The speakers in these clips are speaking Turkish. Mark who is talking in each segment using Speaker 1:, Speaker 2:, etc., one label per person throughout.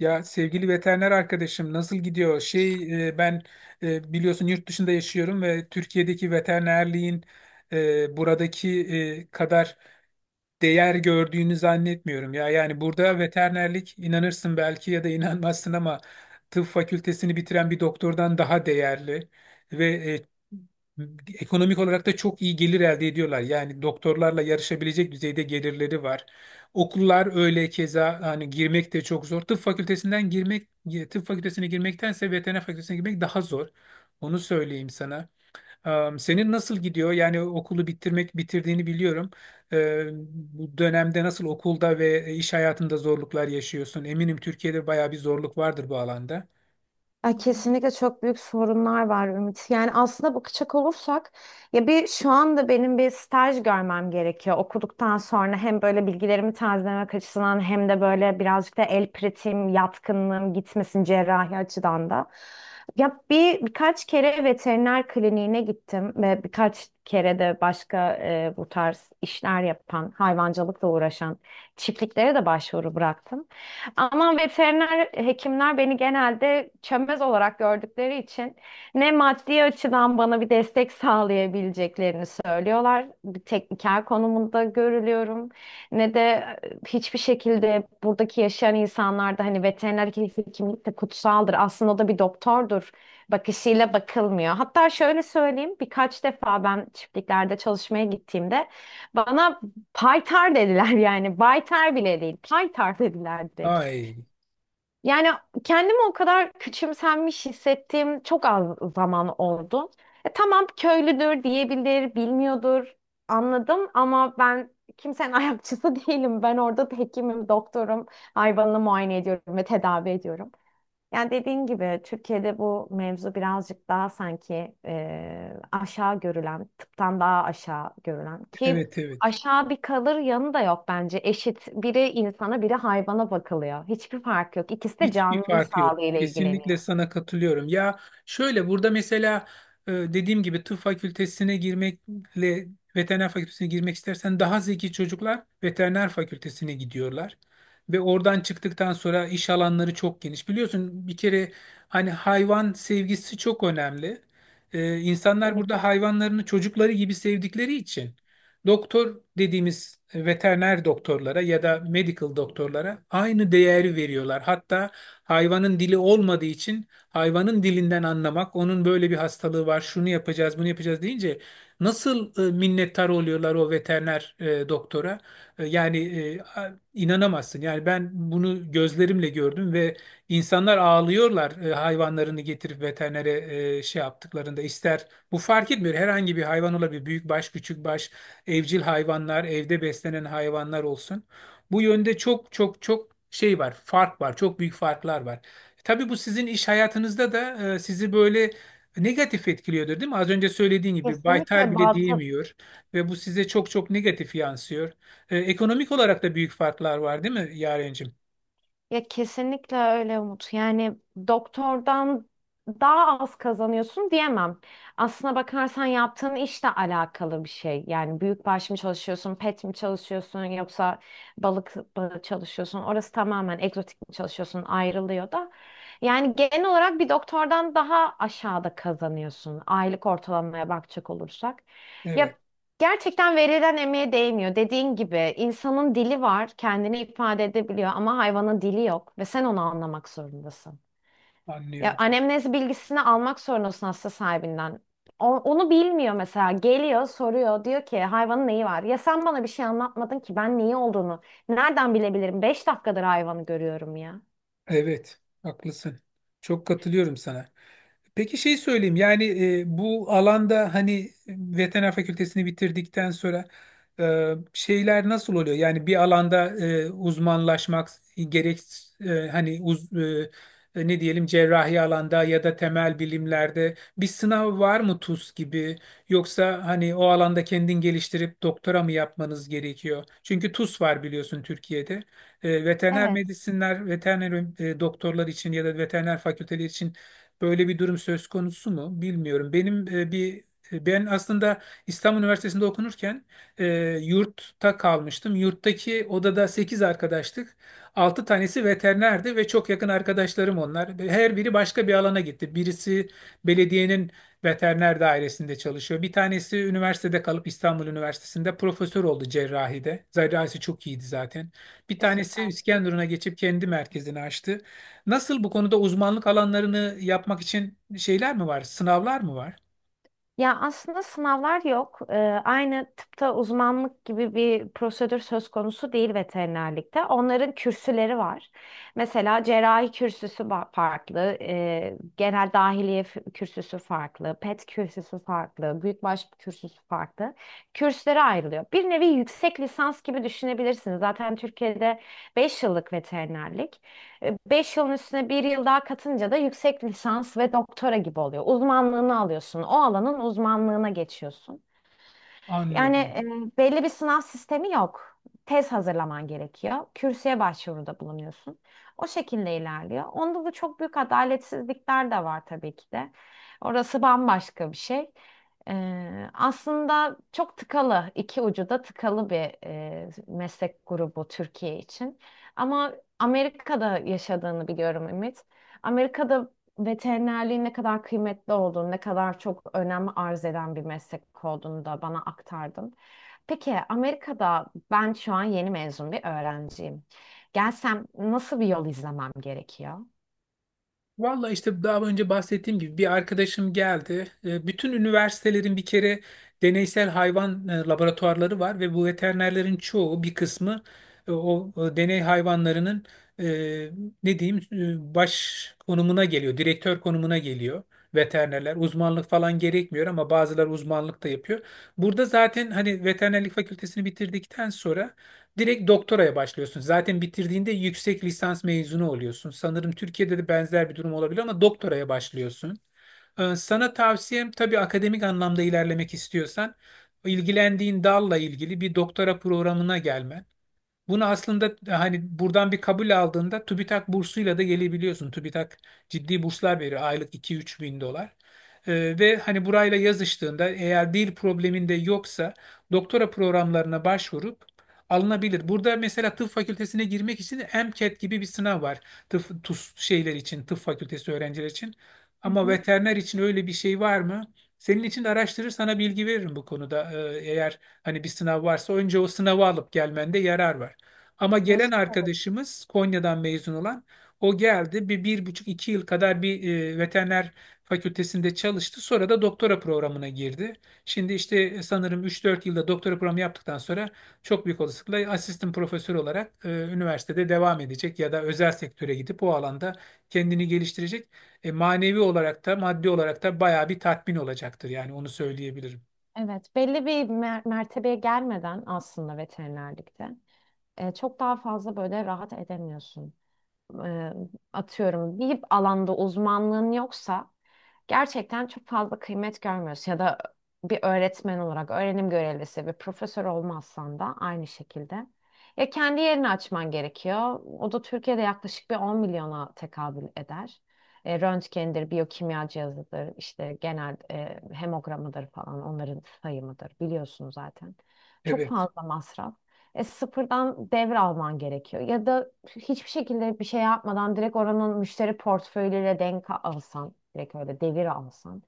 Speaker 1: Ya sevgili veteriner arkadaşım nasıl gidiyor? Ben biliyorsun yurt dışında yaşıyorum ve Türkiye'deki veterinerliğin buradaki kadar değer gördüğünü zannetmiyorum ya. Yani burada veterinerlik inanırsın belki ya da inanmazsın ama tıp fakültesini bitiren bir doktordan daha değerli ve ekonomik olarak da çok iyi gelir elde ediyorlar. Yani doktorlarla yarışabilecek düzeyde gelirleri var. Okullar öyle, keza hani girmek de çok zor. Tıp fakültesinden girmek, tıp fakültesine girmektense veteriner fakültesine girmek daha zor. Onu söyleyeyim sana. Senin nasıl gidiyor? Yani okulu bitirdiğini biliyorum. Ee, Bu dönemde nasıl okulda ve iş hayatında zorluklar yaşıyorsun? Eminim Türkiye'de bayağı bir zorluk vardır bu alanda.
Speaker 2: Ay, kesinlikle çok büyük sorunlar var Ümit. Yani aslında bakacak olursak ya bir şu anda benim bir staj görmem gerekiyor. Okuduktan sonra hem böyle bilgilerimi tazelemek açısından hem de böyle birazcık da el pratiğim, yatkınlığım gitmesin cerrahi açıdan da. Ya birkaç kere veteriner kliniğine gittim ve birkaç kere de başka bu tarz işler yapan, hayvancılıkla uğraşan çiftliklere de başvuru bıraktım. Ama veteriner hekimler beni genelde çömez olarak gördükleri için ne maddi açıdan bana bir destek sağlayabileceklerini söylüyorlar. Bir tekniker konumunda görülüyorum. Ne de hiçbir şekilde buradaki yaşayan insanlarda hani veteriner hekimlik de kutsaldır. Aslında o da bir doktordur bakışıyla bakılmıyor. Hatta şöyle söyleyeyim, birkaç defa ben çiftliklerde çalışmaya gittiğimde bana paytar dediler yani. Baytar bile değil. Paytar dediler direkt.
Speaker 1: Ay,
Speaker 2: Yani kendimi o kadar küçümsenmiş hissettiğim çok az zaman oldu. Tamam köylüdür diyebilir, bilmiyordur, anladım, ama ben kimsenin ayakçısı değilim. Ben orada hekimim, doktorum, hayvanını muayene ediyorum ve tedavi ediyorum. Yani dediğin gibi Türkiye'de bu mevzu birazcık daha sanki aşağı görülen, tıptan daha aşağı görülen ki
Speaker 1: evet, evet.
Speaker 2: aşağı bir kalır yanı da yok bence. Eşit, biri insana biri hayvana bakılıyor. Hiçbir fark yok. İkisi de
Speaker 1: Hiçbir
Speaker 2: canlının
Speaker 1: farkı yok.
Speaker 2: sağlığıyla ilgileniyor.
Speaker 1: Kesinlikle sana katılıyorum. Ya şöyle burada mesela dediğim gibi tıp fakültesine girmekle veteriner fakültesine girmek istersen daha zeki çocuklar veteriner fakültesine gidiyorlar. Ve oradan çıktıktan sonra iş alanları çok geniş. Biliyorsun bir kere hani hayvan sevgisi çok önemli. E, insanlar
Speaker 2: Kesinlikle.
Speaker 1: burada hayvanlarını çocukları gibi sevdikleri için doktor dediğimiz veteriner doktorlara ya da medical doktorlara aynı değeri veriyorlar. Hatta hayvanın dili olmadığı için hayvanın dilinden anlamak, onun böyle bir hastalığı var, şunu yapacağız, bunu yapacağız deyince nasıl minnettar oluyorlar o veteriner doktora? Yani inanamazsın. Yani ben bunu gözlerimle gördüm ve insanlar ağlıyorlar hayvanlarını getirip veterinere şey yaptıklarında. İster bu fark etmiyor. Herhangi bir hayvan olabilir. Büyük baş, küçük baş, evcil hayvanlar, evde beslenen hayvanlar olsun. Bu yönde çok çok çok şey var, fark var, çok büyük farklar var. Tabii bu sizin iş hayatınızda da sizi böyle negatif etkiliyordur, değil mi? Az önce söylediğin gibi baytar
Speaker 2: Kesinlikle
Speaker 1: bile
Speaker 2: balta.
Speaker 1: diyemiyor ve bu size çok çok negatif yansıyor. Ekonomik olarak da büyük farklar var, değil mi Yarencim?
Speaker 2: Ya, kesinlikle öyle Umut. Yani doktordan daha az kazanıyorsun diyemem. Aslına bakarsan yaptığın işle alakalı bir şey. Yani büyükbaş mı çalışıyorsun, pet mi çalışıyorsun yoksa balık mı çalışıyorsun? Orası tamamen egzotik mi çalışıyorsun ayrılıyor da. Yani genel olarak bir doktordan daha aşağıda kazanıyorsun. Aylık ortalamaya bakacak olursak. Ya,
Speaker 1: Evet,
Speaker 2: gerçekten verilen emeğe değmiyor. Dediğin gibi insanın dili var, kendini ifade edebiliyor, ama hayvanın dili yok ve sen onu anlamak zorundasın. Ya,
Speaker 1: anlıyorum.
Speaker 2: anemnez bilgisini almak zorundasın hasta sahibinden. Onu bilmiyor mesela. Geliyor, soruyor, diyor ki, hayvanın neyi var? Ya sen bana bir şey anlatmadın ki ben neyi olduğunu nereden bilebilirim? 5 dakikadır hayvanı görüyorum ya.
Speaker 1: Evet, haklısın. Çok katılıyorum sana. Peki şey söyleyeyim yani bu alanda hani veteriner fakültesini bitirdikten sonra şeyler nasıl oluyor? Yani bir alanda uzmanlaşmak gerek, e, hani uz, e, ne diyelim, cerrahi alanda ya da temel bilimlerde bir sınav var mı TUS gibi, yoksa hani o alanda kendin geliştirip doktora mı yapmanız gerekiyor? Çünkü TUS var biliyorsun Türkiye'de. Veteriner
Speaker 2: Evet,
Speaker 1: medisinler, veteriner doktorlar için ya da veteriner fakülteleri için böyle bir durum söz konusu mu bilmiyorum. Benim ben aslında İstanbul Üniversitesi'nde okunurken e, yurtta kalmıştım. Yurttaki odada 8 arkadaştık. 6 tanesi veterinerdi ve çok yakın arkadaşlarım onlar. Her biri başka bir alana gitti. Birisi belediyenin veteriner dairesinde çalışıyor. Bir tanesi üniversitede kalıp İstanbul Üniversitesi'nde profesör oldu cerrahide. Cerrahisi çok iyiydi zaten. Bir tanesi
Speaker 2: süper.
Speaker 1: İskenderun'a geçip kendi merkezini açtı. Nasıl bu konuda uzmanlık alanlarını yapmak için şeyler mi var, sınavlar mı var?
Speaker 2: Ya aslında sınavlar yok. Aynı tıpta uzmanlık gibi bir prosedür söz konusu değil veterinerlikte. Onların kürsüleri var. Mesela cerrahi kürsüsü farklı, genel dahiliye kürsüsü farklı, pet kürsüsü farklı, büyükbaş kürsüsü farklı. Kürsülere ayrılıyor. Bir nevi yüksek lisans gibi düşünebilirsiniz. Zaten Türkiye'de 5 yıllık veterinerlik. Beş yılın üstüne bir yıl daha katınca da yüksek lisans ve doktora gibi oluyor. Uzmanlığını alıyorsun. O alanın uzmanlığına geçiyorsun. Yani
Speaker 1: Anladım.
Speaker 2: belli bir sınav sistemi yok. Tez hazırlaman gerekiyor. Kürsüye başvuruda bulunuyorsun. O şekilde ilerliyor. Onda da çok büyük adaletsizlikler de var tabii ki de. Orası bambaşka bir şey. E, Aslında çok tıkalı, iki ucu da tıkalı bir meslek grubu Türkiye için. Ama Amerika'da yaşadığını biliyorum Ümit. Amerika'da veterinerliğin ne kadar kıymetli olduğunu, ne kadar çok önem arz eden bir meslek olduğunu da bana aktardın. Peki Amerika'da ben şu an yeni mezun bir öğrenciyim. Gelsem nasıl bir yol izlemem gerekiyor?
Speaker 1: Valla işte daha önce bahsettiğim gibi bir arkadaşım geldi. Bütün üniversitelerin bir kere deneysel hayvan laboratuvarları var ve bu veterinerlerin çoğu, bir kısmı deney hayvanlarının e, ne diyeyim, baş konumuna geliyor, direktör konumuna geliyor veterinerler. Uzmanlık falan gerekmiyor ama bazıları uzmanlık da yapıyor. Burada zaten hani veterinerlik fakültesini bitirdikten sonra direkt doktoraya başlıyorsun. Zaten bitirdiğinde yüksek lisans mezunu oluyorsun. Sanırım Türkiye'de de benzer bir durum olabilir ama doktoraya başlıyorsun. Sana tavsiyem, tabii akademik anlamda ilerlemek istiyorsan, ilgilendiğin dalla ilgili bir doktora programına gelmen. Bunu aslında hani buradan bir kabul aldığında TÜBİTAK bursuyla da gelebiliyorsun. TÜBİTAK ciddi burslar veriyor, aylık iki üç bin dolar. Ve hani burayla yazıştığında eğer dil probleminde yoksa doktora programlarına başvurup alınabilir. Burada mesela tıp fakültesine girmek için MCAT gibi bir sınav var. Tıp, TUS şeyler için, tıp fakültesi öğrenciler için.
Speaker 2: Hı
Speaker 1: Ama
Speaker 2: hı.
Speaker 1: veteriner için öyle bir şey var mı? Senin için de araştırır sana bilgi veririm bu konuda. Eğer hani bir sınav varsa önce o sınavı alıp gelmende yarar var. Ama
Speaker 2: Ya,
Speaker 1: gelen arkadaşımız Konya'dan mezun olan, o geldi bir, bir buçuk iki yıl kadar bir veteriner fakültesinde çalıştı. Sonra da doktora programına girdi. Şimdi işte sanırım üç dört yılda doktora programı yaptıktan sonra çok büyük olasılıkla asistan profesör olarak üniversitede devam edecek ya da özel sektöre gidip o alanda kendini geliştirecek. Manevi olarak da maddi olarak da bayağı bir tatmin olacaktır, yani onu söyleyebilirim.
Speaker 2: evet, belli bir mertebeye gelmeden aslında veterinerlikte çok daha fazla böyle rahat edemiyorsun. E, atıyorum, bir alanda uzmanlığın yoksa gerçekten çok fazla kıymet görmüyorsun ya da bir öğretmen olarak öğrenim görevlisi ve profesör olmazsan da aynı şekilde. Ya kendi yerini açman gerekiyor. O da Türkiye'de yaklaşık bir 10 milyona tekabül eder. Röntgendir, biyokimya cihazıdır, işte genel hemogramıdır falan onların sayımıdır, biliyorsun zaten. Çok
Speaker 1: Evet.
Speaker 2: fazla masraf, sıfırdan devralman gerekiyor. Ya da hiçbir şekilde bir şey yapmadan direkt oranın müşteri portföyleriyle denk alsan, direkt öyle devir alsan.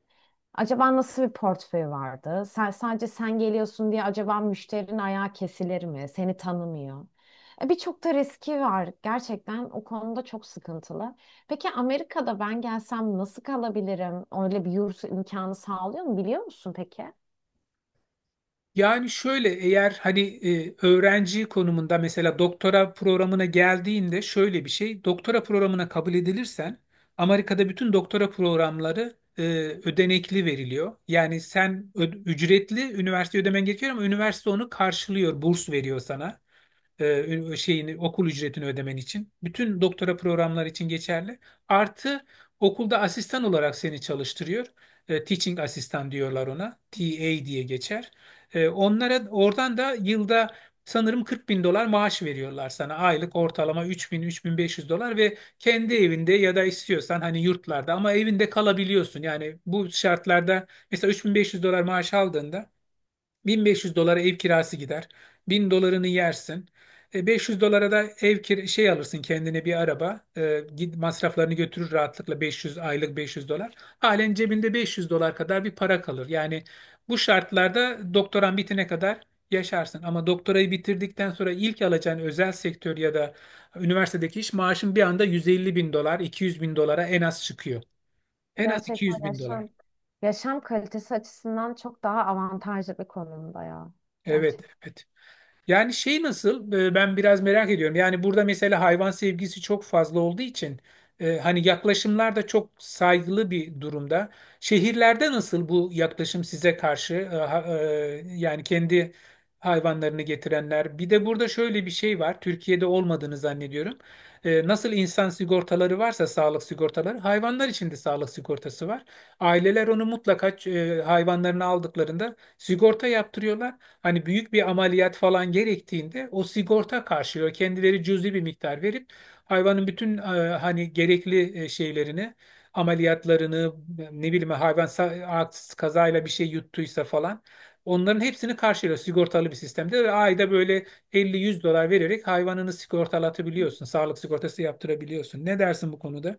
Speaker 2: Acaba nasıl bir portföy vardı? Sen, sadece sen geliyorsun diye acaba müşterinin ayağı kesilir mi? Seni tanımıyor. Birçok da riski var. Gerçekten o konuda çok sıkıntılı. Peki Amerika'da ben gelsem nasıl kalabilirim? Öyle bir yurt imkanı sağlıyor mu biliyor musun peki?
Speaker 1: Yani şöyle, eğer hani öğrenci konumunda mesela doktora programına geldiğinde, şöyle bir şey, doktora programına kabul edilirsen Amerika'da bütün doktora programları ödenekli veriliyor. Yani sen ücretli üniversite ödemen gerekiyor ama üniversite onu karşılıyor, burs veriyor sana şeyini, okul ücretini ödemen için. Bütün doktora programları için geçerli. Artı okulda asistan olarak seni çalıştırıyor. Teaching asistan diyorlar ona. TA diye geçer. Onlara oradan da yılda sanırım 40 bin dolar maaş veriyorlar sana. Aylık ortalama 3000 3500 dolar ve kendi evinde ya da istiyorsan hani yurtlarda, ama evinde kalabiliyorsun. Yani bu şartlarda mesela 3500 dolar maaş aldığında 1500 dolara ev kirası gider. 1000 dolarını yersin. 500 dolara da ev şey alırsın, kendine bir araba. Git masraflarını götürür rahatlıkla 500, aylık 500 dolar. Halen cebinde 500 dolar kadar bir para kalır. Yani bu şartlarda doktoran bitene kadar yaşarsın. Ama doktorayı bitirdikten sonra ilk alacağın özel sektör ya da üniversitedeki iş maaşın bir anda 150 bin dolar, 200 bin dolara en az çıkıyor. En az 200
Speaker 2: Gerçekten
Speaker 1: bin dolar.
Speaker 2: yaşam kalitesi açısından çok daha avantajlı bir konumda ya.
Speaker 1: Evet,
Speaker 2: Gerçekten.
Speaker 1: evet. Yani şey nasıl? Ben biraz merak ediyorum. Yani burada mesela hayvan sevgisi çok fazla olduğu için hani yaklaşımlar da çok saygılı bir durumda. Şehirlerde nasıl bu yaklaşım size karşı? Yani kendi hayvanlarını getirenler. Bir de burada şöyle bir şey var. Türkiye'de olmadığını zannediyorum. Nasıl insan sigortaları varsa, sağlık sigortaları, hayvanlar için de sağlık sigortası var. Aileler onu mutlaka hayvanlarını aldıklarında sigorta yaptırıyorlar. Hani büyük bir ameliyat falan gerektiğinde o sigorta karşılıyor. Kendileri cüzi bir miktar verip hayvanın bütün hani gerekli şeylerini, ameliyatlarını, ne bileyim hayvan kazayla bir şey yuttuysa falan, onların hepsini karşılıyor sigortalı bir sistemde, ve ayda böyle 50-100 dolar vererek hayvanını sigortalatabiliyorsun. Sağlık sigortası yaptırabiliyorsun. Ne dersin bu konuda?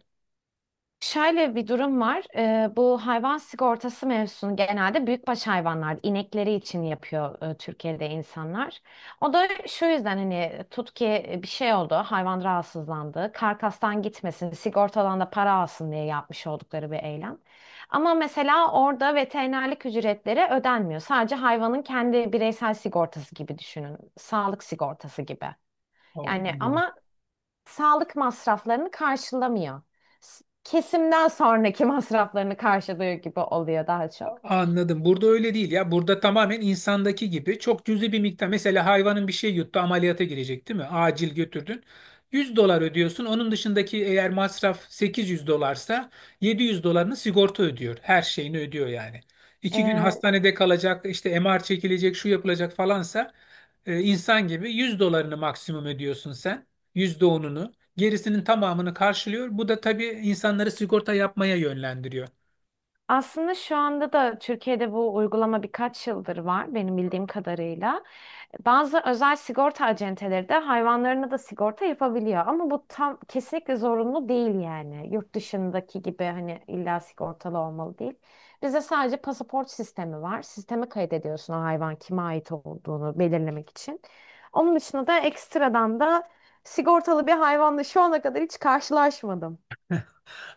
Speaker 2: Şöyle bir durum var. Bu hayvan sigortası mevzusunu genelde büyükbaş hayvanlar, inekleri için yapıyor Türkiye'de insanlar. O da şu yüzden, hani tut ki bir şey oldu, hayvan rahatsızlandı, karkastan gitmesin, sigortadan da para alsın diye yapmış oldukları bir eylem. Ama mesela orada veterinerlik ücretleri ödenmiyor. Sadece hayvanın kendi bireysel sigortası gibi düşünün, sağlık sigortası gibi.
Speaker 1: Aa,
Speaker 2: Yani
Speaker 1: anladım.
Speaker 2: ama sağlık masraflarını karşılamıyor. Kesimden sonraki masraflarını karşılıyor gibi oluyor daha çok.
Speaker 1: Anladım. Burada öyle değil ya. Burada tamamen insandaki gibi çok cüzi bir miktar. Mesela hayvanın bir şey yuttu, ameliyata girecek değil mi? Acil götürdün. 100 dolar ödüyorsun. Onun dışındaki eğer masraf 800 dolarsa 700 dolarını sigorta ödüyor. Her şeyini ödüyor yani. İki gün
Speaker 2: Ee,
Speaker 1: hastanede kalacak, işte MR çekilecek, şu yapılacak falansa insan gibi 100 dolarını maksimum ödüyorsun sen. Yüzde onunu. Gerisinin tamamını karşılıyor. Bu da tabii insanları sigorta yapmaya yönlendiriyor.
Speaker 2: aslında şu anda da Türkiye'de bu uygulama birkaç yıldır var benim bildiğim kadarıyla. Bazı özel sigorta acenteleri de hayvanlarına da sigorta yapabiliyor, ama bu tam kesinlikle zorunlu değil yani. Yurt dışındaki gibi hani illa sigortalı olmalı değil. Bizde sadece pasaport sistemi var. Sisteme kaydediyorsun o hayvan kime ait olduğunu belirlemek için. Onun dışında da ekstradan da sigortalı bir hayvanla şu ana kadar hiç karşılaşmadım.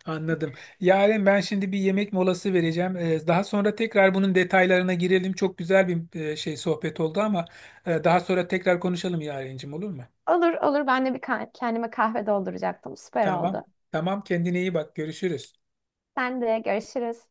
Speaker 1: Anladım. Yaren, ben şimdi bir yemek molası vereceğim. Daha sonra tekrar bunun detaylarına girelim. Çok güzel bir şey, sohbet oldu ama daha sonra tekrar konuşalım Yarencim, olur mu?
Speaker 2: Olur olur, ben de bir kendime kahve dolduracaktım. Süper
Speaker 1: Tamam.
Speaker 2: oldu.
Speaker 1: Tamam, kendine iyi bak. Görüşürüz.
Speaker 2: Sen de görüşürüz.